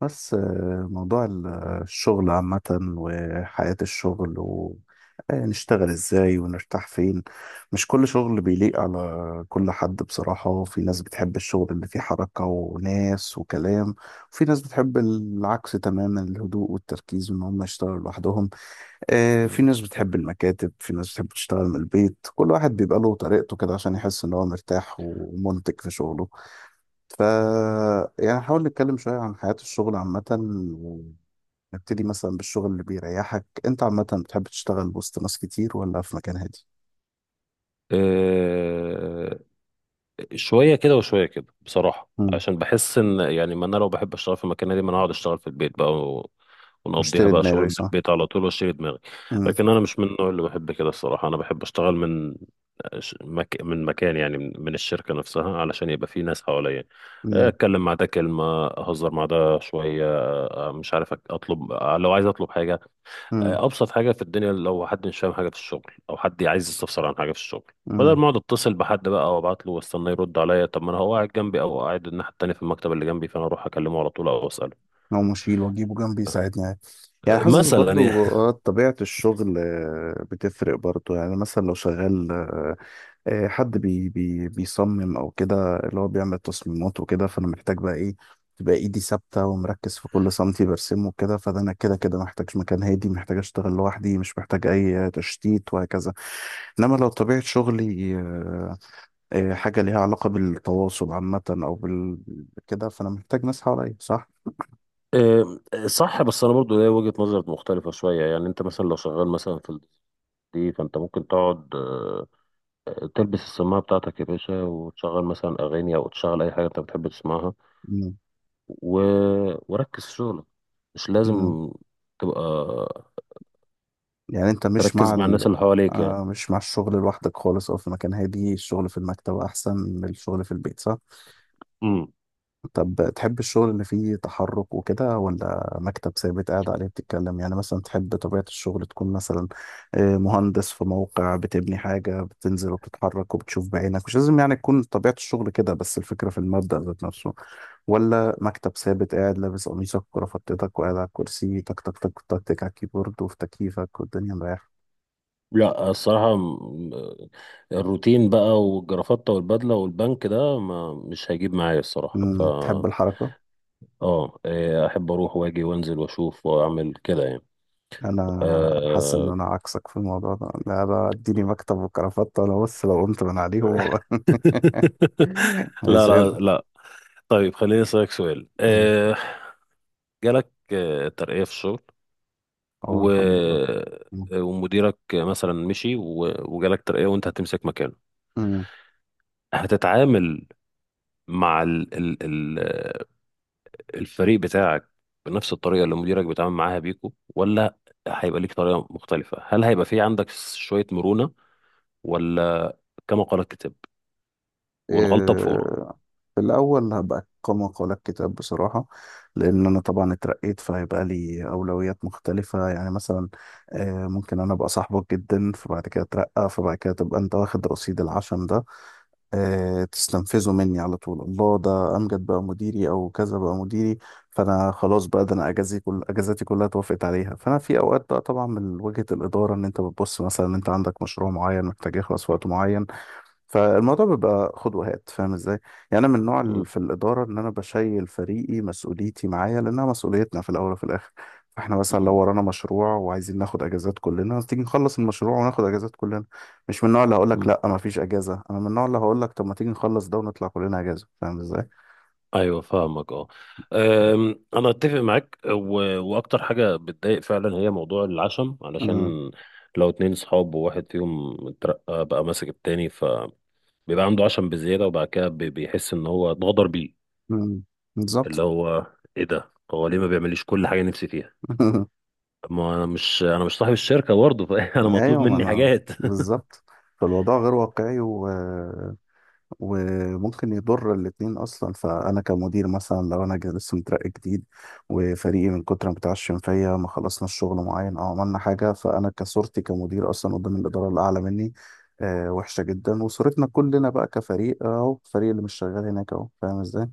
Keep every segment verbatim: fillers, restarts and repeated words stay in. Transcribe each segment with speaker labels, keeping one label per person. Speaker 1: بس آه، موضوع ال- الشغل عامة، وحياة الشغل ونشتغل ازاي ونرتاح فين. مش كل شغل بيليق على كل حد بصراحة، وفي ناس بتحب الشغل اللي فيه حركة وناس وكلام. وفي ناس بتحب العكس تماما، الهدوء والتركيز وان هم يشتغلوا لوحدهم. آه، في
Speaker 2: مم.
Speaker 1: ناس بتحب المكاتب، في ناس بتحب تشتغل من البيت، كل واحد بيبقى له طريقته كده عشان يحس ان هو مرتاح ومنتج في شغله. ف يعني نحاول نتكلم شوية عن حياة الشغل عامة، ونبتدي مثلا بالشغل اللي بيريحك. انت عامة بتحب تشتغل وسط ناس كتير ولا في مكان هادي؟
Speaker 2: آه، شوية كده وشوية كده بصراحة،
Speaker 1: مم.
Speaker 2: عشان بحس ان يعني ما انا لو بحب اشتغل في المكان دي ما انا هقعد اشتغل في البيت بقى و- ونقضيها
Speaker 1: مشتري
Speaker 2: بقى شغل
Speaker 1: دماغي،
Speaker 2: من
Speaker 1: صح؟
Speaker 2: البيت على طول واشيل دماغي.
Speaker 1: مم.
Speaker 2: لكن انا مش من النوع اللي بحب كده الصراحة، انا بحب اشتغل من ش- مك... من مكان، يعني من من الشركة نفسها علشان يبقى في ناس حواليا،
Speaker 1: مم.
Speaker 2: اتكلم مع ده كلمة، اهزر مع ده شوية، مش عارف أك- اطلب لو عايز اطلب حاجة.
Speaker 1: مم.
Speaker 2: آه، ابسط حاجه في الدنيا لو حد مش فاهم حاجه في الشغل او حد عايز يستفسر عن حاجه في الشغل، بدل
Speaker 1: مم.
Speaker 2: ما اقعد اتصل بحد بقى وابعت له واستنى يرد عليا، طب ما انا هو قاعد جنبي او قاعد الناحيه التانيه في المكتب اللي جنبي، فانا اروح اكلمه على طول او اساله.
Speaker 1: لو مشيل واجيبه جنبي يساعدني يعني. يعني حاسس
Speaker 2: مثلا يعني
Speaker 1: برضو آه، طبيعة الشغل آه، بتفرق برضو، يعني مثلا لو شغال آه، آه، حد بي بي بيصمم او كده، اللي هو بيعمل تصميمات وكده، فانا محتاج بقى ايه؟ تبقى ايدي ثابته ومركز في كل سنتي برسمه وكده، فده انا كده كده محتاج مكان هادي، محتاج اشتغل لوحدي، مش محتاج اي تشتيت، وهكذا. انما لو طبيعه شغلي آه، آه، حاجه ليها علاقه بالتواصل عامه او بال كده، فانا محتاج ناس حواليا، صح.
Speaker 2: آه، صح، بس انا برضو ليا وجهه نظر مختلفه شويه. يعني انت مثلا لو شغال مثلا في ال- دي، فانت ممكن تقعد آه، تلبس السماعه بتاعتك يا باشا وتشغل مثلا اغاني او تشغل اي حاجه انت بتحب تسمعها
Speaker 1: مم.
Speaker 2: و... وركز في شغلك، مش لازم
Speaker 1: مم.
Speaker 2: تبقى
Speaker 1: يعني انت مش مع
Speaker 2: تركز مع
Speaker 1: ال...
Speaker 2: الناس اللي حواليك يعني.
Speaker 1: آه، مش مع الشغل لوحدك خالص، او في مكان هادي، الشغل في المكتب احسن من الشغل في البيت، صح.
Speaker 2: امم.
Speaker 1: طب تحب الشغل اللي فيه تحرك وكده، ولا مكتب ثابت قاعد عليه؟ بتتكلم يعني مثلا تحب طبيعة الشغل تكون مثلا آه، مهندس في موقع بتبني حاجة، بتنزل وبتتحرك وبتشوف بعينك. مش لازم يعني تكون طبيعة الشغل كده، بس الفكرة في المبدأ ذات نفسه. ولا مكتب ثابت قاعد لابس قميصك وكرافتتك، وقاعد على الكرسي تك تك تك تك تك على الكيبورد، وفي تكييفك والدنيا مريحة.
Speaker 2: لا الصراحة، م- الروتين بقى والجرافطة والبدلة والبنك ده ما مش هيجيب معايا الصراحة. ف
Speaker 1: أمم، تحب الحركة.
Speaker 2: اه إيه، احب اروح واجي وانزل واشوف واعمل كده يعني.
Speaker 1: انا حاسس ان
Speaker 2: أه
Speaker 1: انا عكسك في الموضوع ده. لا بقى، اديني مكتب وكرافته انا، بص لو قمت من عليهم
Speaker 2: لا لا
Speaker 1: عزازة.
Speaker 2: لا. طيب خليني اسالك سؤال.
Speaker 1: أمم.
Speaker 2: آه، جالك آه، ترقيه في الشغل
Speaker 1: اه،
Speaker 2: و...
Speaker 1: الحمد لله. أمم.
Speaker 2: آه، ومديرك مثلا مشي و... وجالك ترقيه وانت هتمسك مكانه،
Speaker 1: أمم.
Speaker 2: هتتعامل مع ال... ال... ال... الفريق بتاعك بنفس الطريقة اللي مديرك بيتعامل معاها بيكو، ولا هيبقى ليك طريقة مختلفة؟ هل هيبقى في عندك شوية مرونة، ولا كما قال الكتاب والغلطة
Speaker 1: إيه.
Speaker 2: بفورة؟
Speaker 1: في الأول هبقى كما قال الكتاب بصراحة. لأن أنا طبعا اترقيت، فهيبقى لي أولويات مختلفة. يعني مثلا آه، ممكن أنا أبقى صاحبك جدا، فبعد كده أترقى، فبعد كده تبقى أنت واخد رصيد العشم ده، آه، تستنفذه مني على طول. الله، ده امجد بقى مديري او كذا بقى مديري، فانا خلاص، بقى ده انا اجازي كل اجازاتي كلها توافقت عليها. فانا في اوقات بقى طبعا من وجهة الاداره، ان انت بتبص مثلا ان انت عندك مشروع معين محتاج يخلص في وقت معين، فالموضوع بيبقى خد وهات، فاهم ازاي؟ يعني انا من النوع اللي
Speaker 2: مم.
Speaker 1: في الاداره ان انا بشيل فريقي، مسؤوليتي معايا، لانها مسؤوليتنا في الاول وفي الاخر. فاحنا مثلا لو
Speaker 2: مم.
Speaker 1: ورانا مشروع وعايزين ناخد اجازات كلنا، تيجي نخلص المشروع وناخد اجازات كلنا. مش من النوع اللي هقول لك
Speaker 2: مم.
Speaker 1: لا، ما فيش اجازه. انا من النوع اللي هقول لك طب ما تيجي نخلص ده ونطلع كلنا اجازه، فاهم ازاي؟
Speaker 2: ايوه فاهمك اه. أم، انا اتفق معاك و... واكتر حاجه بتضايق فعلا هي موضوع العشم،
Speaker 1: مم.
Speaker 2: علشان لو اتنين صحاب وواحد فيهم اترقى بقى ماسك التاني، فبيبقى عنده عشم بزياده وبعد كده بي- بيحس ان هو اتغدر بيه.
Speaker 1: مم.
Speaker 2: اللي
Speaker 1: بالظبط.
Speaker 2: هو ايه ده، هو ليه ما بيعمليش كل حاجه نفسي فيها؟ طب ما انا مش، انا مش صاحب الشركه برضه فانا مطلوب
Speaker 1: ايوه، ما
Speaker 2: مني
Speaker 1: انا
Speaker 2: حاجات.
Speaker 1: بالظبط. فالوضع غير واقعي، و وممكن يضر الاتنين اصلا. فانا كمدير مثلا لو انا جا- لسه مترقي جديد، وفريقي من كتر ما بيتعشم فيا، ما خلصنا الشغل معين او عملنا حاجه، فانا كصورتي كمدير اصلا قدام الاداره الاعلى مني آه وحشه جدا، وصورتنا كلنا بقى كفريق اهو، الفريق اللي مش شغال هناك اهو، فاهم ازاي؟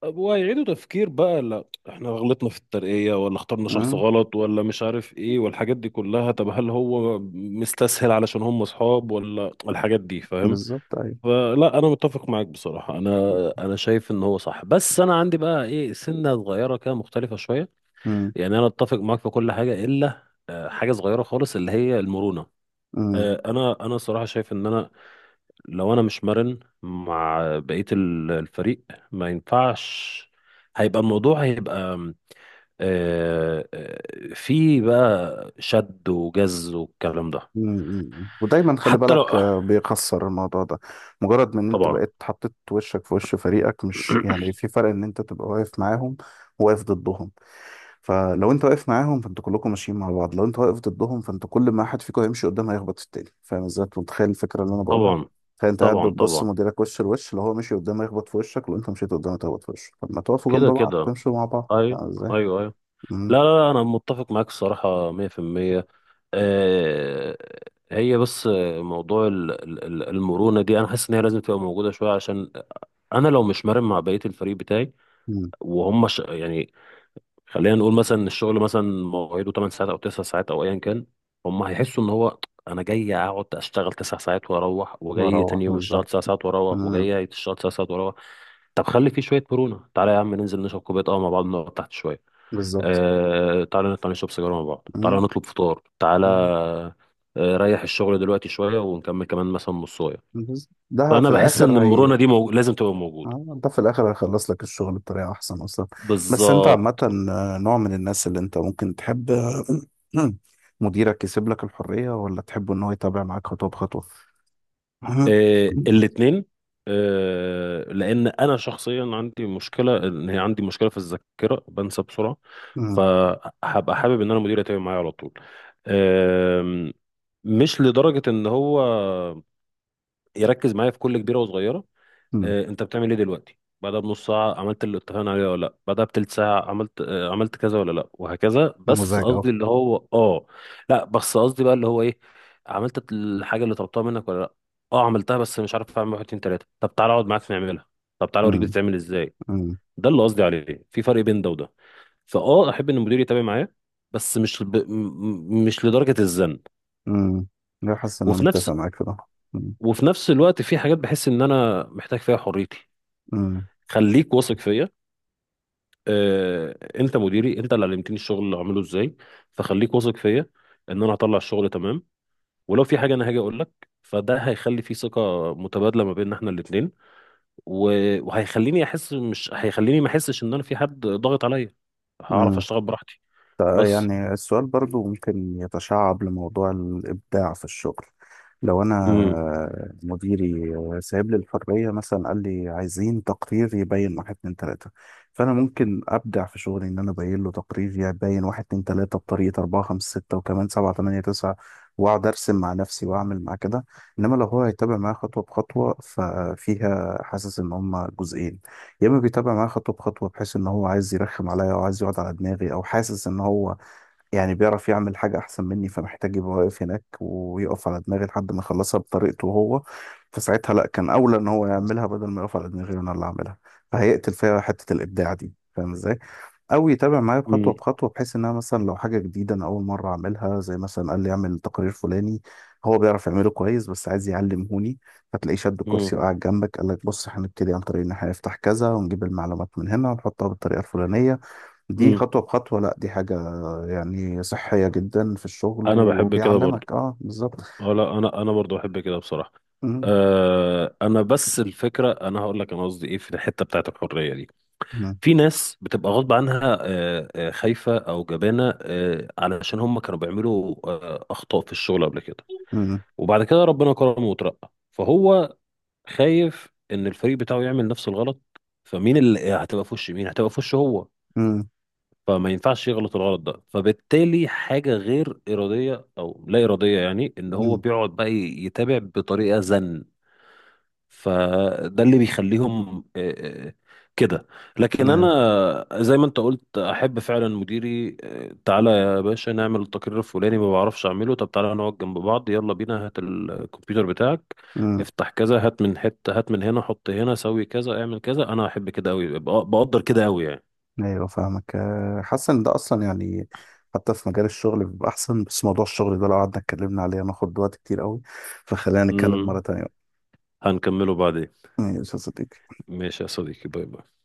Speaker 2: طب وهيعيدوا تفكير بقى، لا احنا غلطنا في الترقية ولا اخترنا شخص
Speaker 1: امم.
Speaker 2: غلط ولا مش عارف ايه والحاجات دي كلها، طب هل هو مستسهل علشان هم اصحاب، ولا الحاجات دي فاهم؟
Speaker 1: بالظبط، ايوه.
Speaker 2: فلا، انا متفق معاك بصراحة، انا انا شايف ان هو صح، بس انا عندي بقى ايه، سنة صغيرة كده مختلفة شوية. يعني انا اتفق معاك في كل حاجة الا آه، حاجة صغيرة خالص اللي هي المرونة.
Speaker 1: امم.
Speaker 2: آه، انا انا صراحة شايف ان انا لو انا مش مرن مع بقية ال- الفريق ما ينفعش، هيبقى الموضوع هيبقى آه، آه، في بقى شد وجز والكلام ده.
Speaker 1: مم. مم. ودايما خلي
Speaker 2: حتى لو،
Speaker 1: بالك، آه، بيخسر الموضوع ده مجرد من ان انت
Speaker 2: طبعا
Speaker 1: بقيت حطيت وشك في وش فريقك. مش يعني في فرق ان انت تبقى واقف معاهم، وواقف ضدهم. فلو انت واقف معاهم، فانتوا كلكم ماشيين مع بعض. لو انت واقف ضدهم، فانت كل ما حد فيكم هيمشي قدام هيخبط في التاني، فاهم ازاي؟ انت متخيل الفكره اللي انا بقولها.
Speaker 2: طبعا
Speaker 1: تخيل انت قاعد
Speaker 2: طبعا
Speaker 1: بتبص
Speaker 2: طبعا.
Speaker 1: مديرك وش لوش، لو هو مشي قدام هيخبط في وشك، لو انت مشيت قدام هتخبط في وشك. طب ما تقفوا جنب
Speaker 2: كده
Speaker 1: بعض
Speaker 2: كده.
Speaker 1: تمشوا مع بعض،
Speaker 2: ايوه.
Speaker 1: فاهم ازاي؟
Speaker 2: ايوه ايوه. لا
Speaker 1: امم.
Speaker 2: لا لا، انا متفق معاك الصراحة مية في المية. آه، هي بس موضوع ال- ال- ال- المرونة دي انا حاسس ان هي لازم تبقى موجودة شوية، عشان انا لو مش مرن مع بقية الفريق بتاعي وهم ش... يعني خلينا نقول مثلا إن الشغل مثلا مواعيده تمن ساعات او تسعة ساعات او ايا كان، هم هيحسوا ان هو انا جاي اقعد اشتغل تسعة ساعات واروح، وجاي
Speaker 1: بروح،
Speaker 2: تاني يوم
Speaker 1: بالظبط.
Speaker 2: اشتغل تسعة ساعات واروح،
Speaker 1: امم.
Speaker 2: وجاي اشتغل تسع ساعات واروح. طب خلي فيه شويه مرونه، تعالى يا عم ننزل نشرب كوبايه قهوه مع بعض، نقعد تحت شويه،
Speaker 1: بالظبط.
Speaker 2: آه... تعالى نطلع نشرب سيجاره مع بعض، تعالى نطلب فطار، تعالى
Speaker 1: امم.
Speaker 2: آه... ريح الشغل دلوقتي شويه ونكمل كمان مثلا نصايه.
Speaker 1: بس- ده
Speaker 2: فانا
Speaker 1: في
Speaker 2: بحس ان
Speaker 1: الاخر هي
Speaker 2: المرونه دي موج... لازم تبقى موجوده.
Speaker 1: آه، ده في الاخر هيخلص لك الشغل بطريقه احسن اصلا. بس انت عامه
Speaker 2: بالظبط.
Speaker 1: آه، نوع من الناس اللي انت ممكن تحب آه، مديرك يسيب لك الحريه ولا تحب ان هو يتابع معاك خطوه بخطوه؟
Speaker 2: آه
Speaker 1: مم.
Speaker 2: الاثنين. آه، لان انا شخصيا عندي مشكله، ان هي عندي مشكله في الذاكره، بنسى بسرعه.
Speaker 1: مم.
Speaker 2: فهبقى حابب ان انا مديري يتابع معايا على طول، آم، مش لدرجه ان هو يركز معايا في كل كبيره وصغيره.
Speaker 1: مم.
Speaker 2: آه، انت بتعمل ايه دلوقتي، بعدها بنص ساعة عملت اللي اتفقنا عليه ولا لا، بعدها بتلت ساعة عملت آه، عملت كذا ولا لا، وهكذا. بس
Speaker 1: نموذج اهو.
Speaker 2: قصدي اللي هو اه، لا بس قصدي بقى اللي هو ايه، عملت الحاجة اللي طلبتها منك ولا لا. اه عملتها بس مش عارف، اعمل واحد اتنين تلاتة، طب تعالى اقعد معاك نعملها، طب تعالى اوريك
Speaker 1: مم.
Speaker 2: بتتعمل ازاي.
Speaker 1: مم.
Speaker 2: ده اللي قصدي عليه، في فرق بين ده وده. فاه احب ان المدير يتابع معايا، بس مش ب... م- م- مش لدرجة الزن.
Speaker 1: مم. لا، حاسس ان انا
Speaker 2: وفي نفس
Speaker 1: متفق معاك في ده.
Speaker 2: وفي نفس الوقت في حاجات بحس ان انا محتاج فيها حريتي،
Speaker 1: مم.
Speaker 2: خليك واثق فيا. آه، انت مديري، انت اللي علمتني الشغل اللي اعمله ازاي، فخليك واثق فيا ان انا هطلع الشغل تمام، ولو في حاجه انا هاجي اقول لك. فده هيخلي في ثقه متبادله ما بيننا احنا الاثنين، وهيخليني احس، مش هيخليني ما احسش ان انا في حد ضاغط عليا، هعرف
Speaker 1: مم.
Speaker 2: اشتغل براحتي.
Speaker 1: ف-
Speaker 2: بس.
Speaker 1: يعني السؤال برضو ممكن يتشعب لموضوع الإبداع في الشغل. لو أنا
Speaker 2: امم
Speaker 1: مديري سايب لي الحرية، مثلا قال لي عايزين تقرير يبين واحد اتنين تلاتة، فأنا ممكن أبدع في شغلي إن أنا أبين له تقرير يبين واحد اتنين تلاتة بطريقة أربعة خمسة ستة وكمان سبعة تمانية تسعة. وأقعد أرسم مع نفسي وأعمل مع كده. إنما لو هو هيتابع معايا خطوة بخطوة، ففيها حاسس إن هما جزئين. يا اما بيتابع معايا خطوه بخطوه بحيث ان هو عايز يرخم عليا، او عايز يقعد على دماغي، او حاسس ان هو يعني بيعرف يعمل حاجة أحسن مني، فمحتاج يبقى واقف هناك ويقف على دماغي لحد ما يخلصها بطريقته هو. فساعتها لأ، كان أولى إن هو يعملها بدل ما يقف على دماغي وأنا اللي أعملها. فهيقتل فيها حتة الإبداع دي، فاهم إزاي؟ أو يتابع معايا بخطوة
Speaker 2: امم
Speaker 1: بخطوة بحيث إن أنا مثلا لو حاجة جديدة أنا أول مرة أعملها، زي مثلا قال لي أعمل تقرير فلاني، هو بيعرف يعمله كويس بس عايز يعلمهوني. فتلاقيه شد
Speaker 2: امم
Speaker 1: الكرسي وقعد جنبك قال لك بص هنبتدي عن طريق إن إحنا نفتح كذا ونجيب المعلومات من هنا ونحطها بالطريقة الفلانية. دي
Speaker 2: امم.
Speaker 1: خطوة بخطوة، لا دي حاجة يعني صحية جدا في الشغل
Speaker 2: انا بحب كده برضو.
Speaker 1: وبيعلمك. اه، بالظبط.
Speaker 2: اه لا، انا انا برضو بحب كده بصراحه.
Speaker 1: مم.
Speaker 2: أه، انا بس الفكره، انا هقول لك انا قصدي ايه في الحته بتاعت الحريه دي.
Speaker 1: مم.
Speaker 2: في ناس بتبقى غصب عنها آه، آه، خايفة أو جبانة، آه، علشان هم كانوا بيعملوا آه، أخطاء في الشغل قبل كده،
Speaker 1: مم.
Speaker 2: وبعد كده ربنا كرمه وترقى، فهو خايف إن الفريق بتاعه يعمل نفس الغلط. فمين اللي هتبقى في وش مين، هتبقى في وش هو.
Speaker 1: مم.
Speaker 2: فما ينفعش يغلط الغلط ده، فبالتالي حاجة غير إرادية أو لا إرادية، يعني إن هو
Speaker 1: مم.
Speaker 2: بيقعد بقى يتابع بطريقة زن. فده اللي بيخليهم آه، آه، كده. لكن
Speaker 1: ايوه.
Speaker 2: انا زي ما انت قلت، احب فعلا مديري آه، تعالى يا باشا نعمل التقرير الفلاني، ما بعرفش اعمله، طب تعالى نقعد جنب بعض، يلا بينا هات الكمبيوتر بتاعك،
Speaker 1: مم.
Speaker 2: افتح كذا، هات من حتة، هات من هنا، حط هنا، سوي كذا، اعمل كذا. انا احب كده قوي، بقدر كده قوي يعني.
Speaker 1: أيوة، فاهمك. آه، حاسس ان ده اصلا يعني حتى في مجال الشغل بيبقى احسن. بس موضوع الشغل ده لو قعدنا اتكلمنا عليه هناخد وقت كتير قوي، فخلينا نتكلم مرة
Speaker 2: امم.
Speaker 1: تانية.
Speaker 2: هنكمله بعدين.
Speaker 1: ماشي يا صديقي.
Speaker 2: ماشي يا صديقي، باي باي.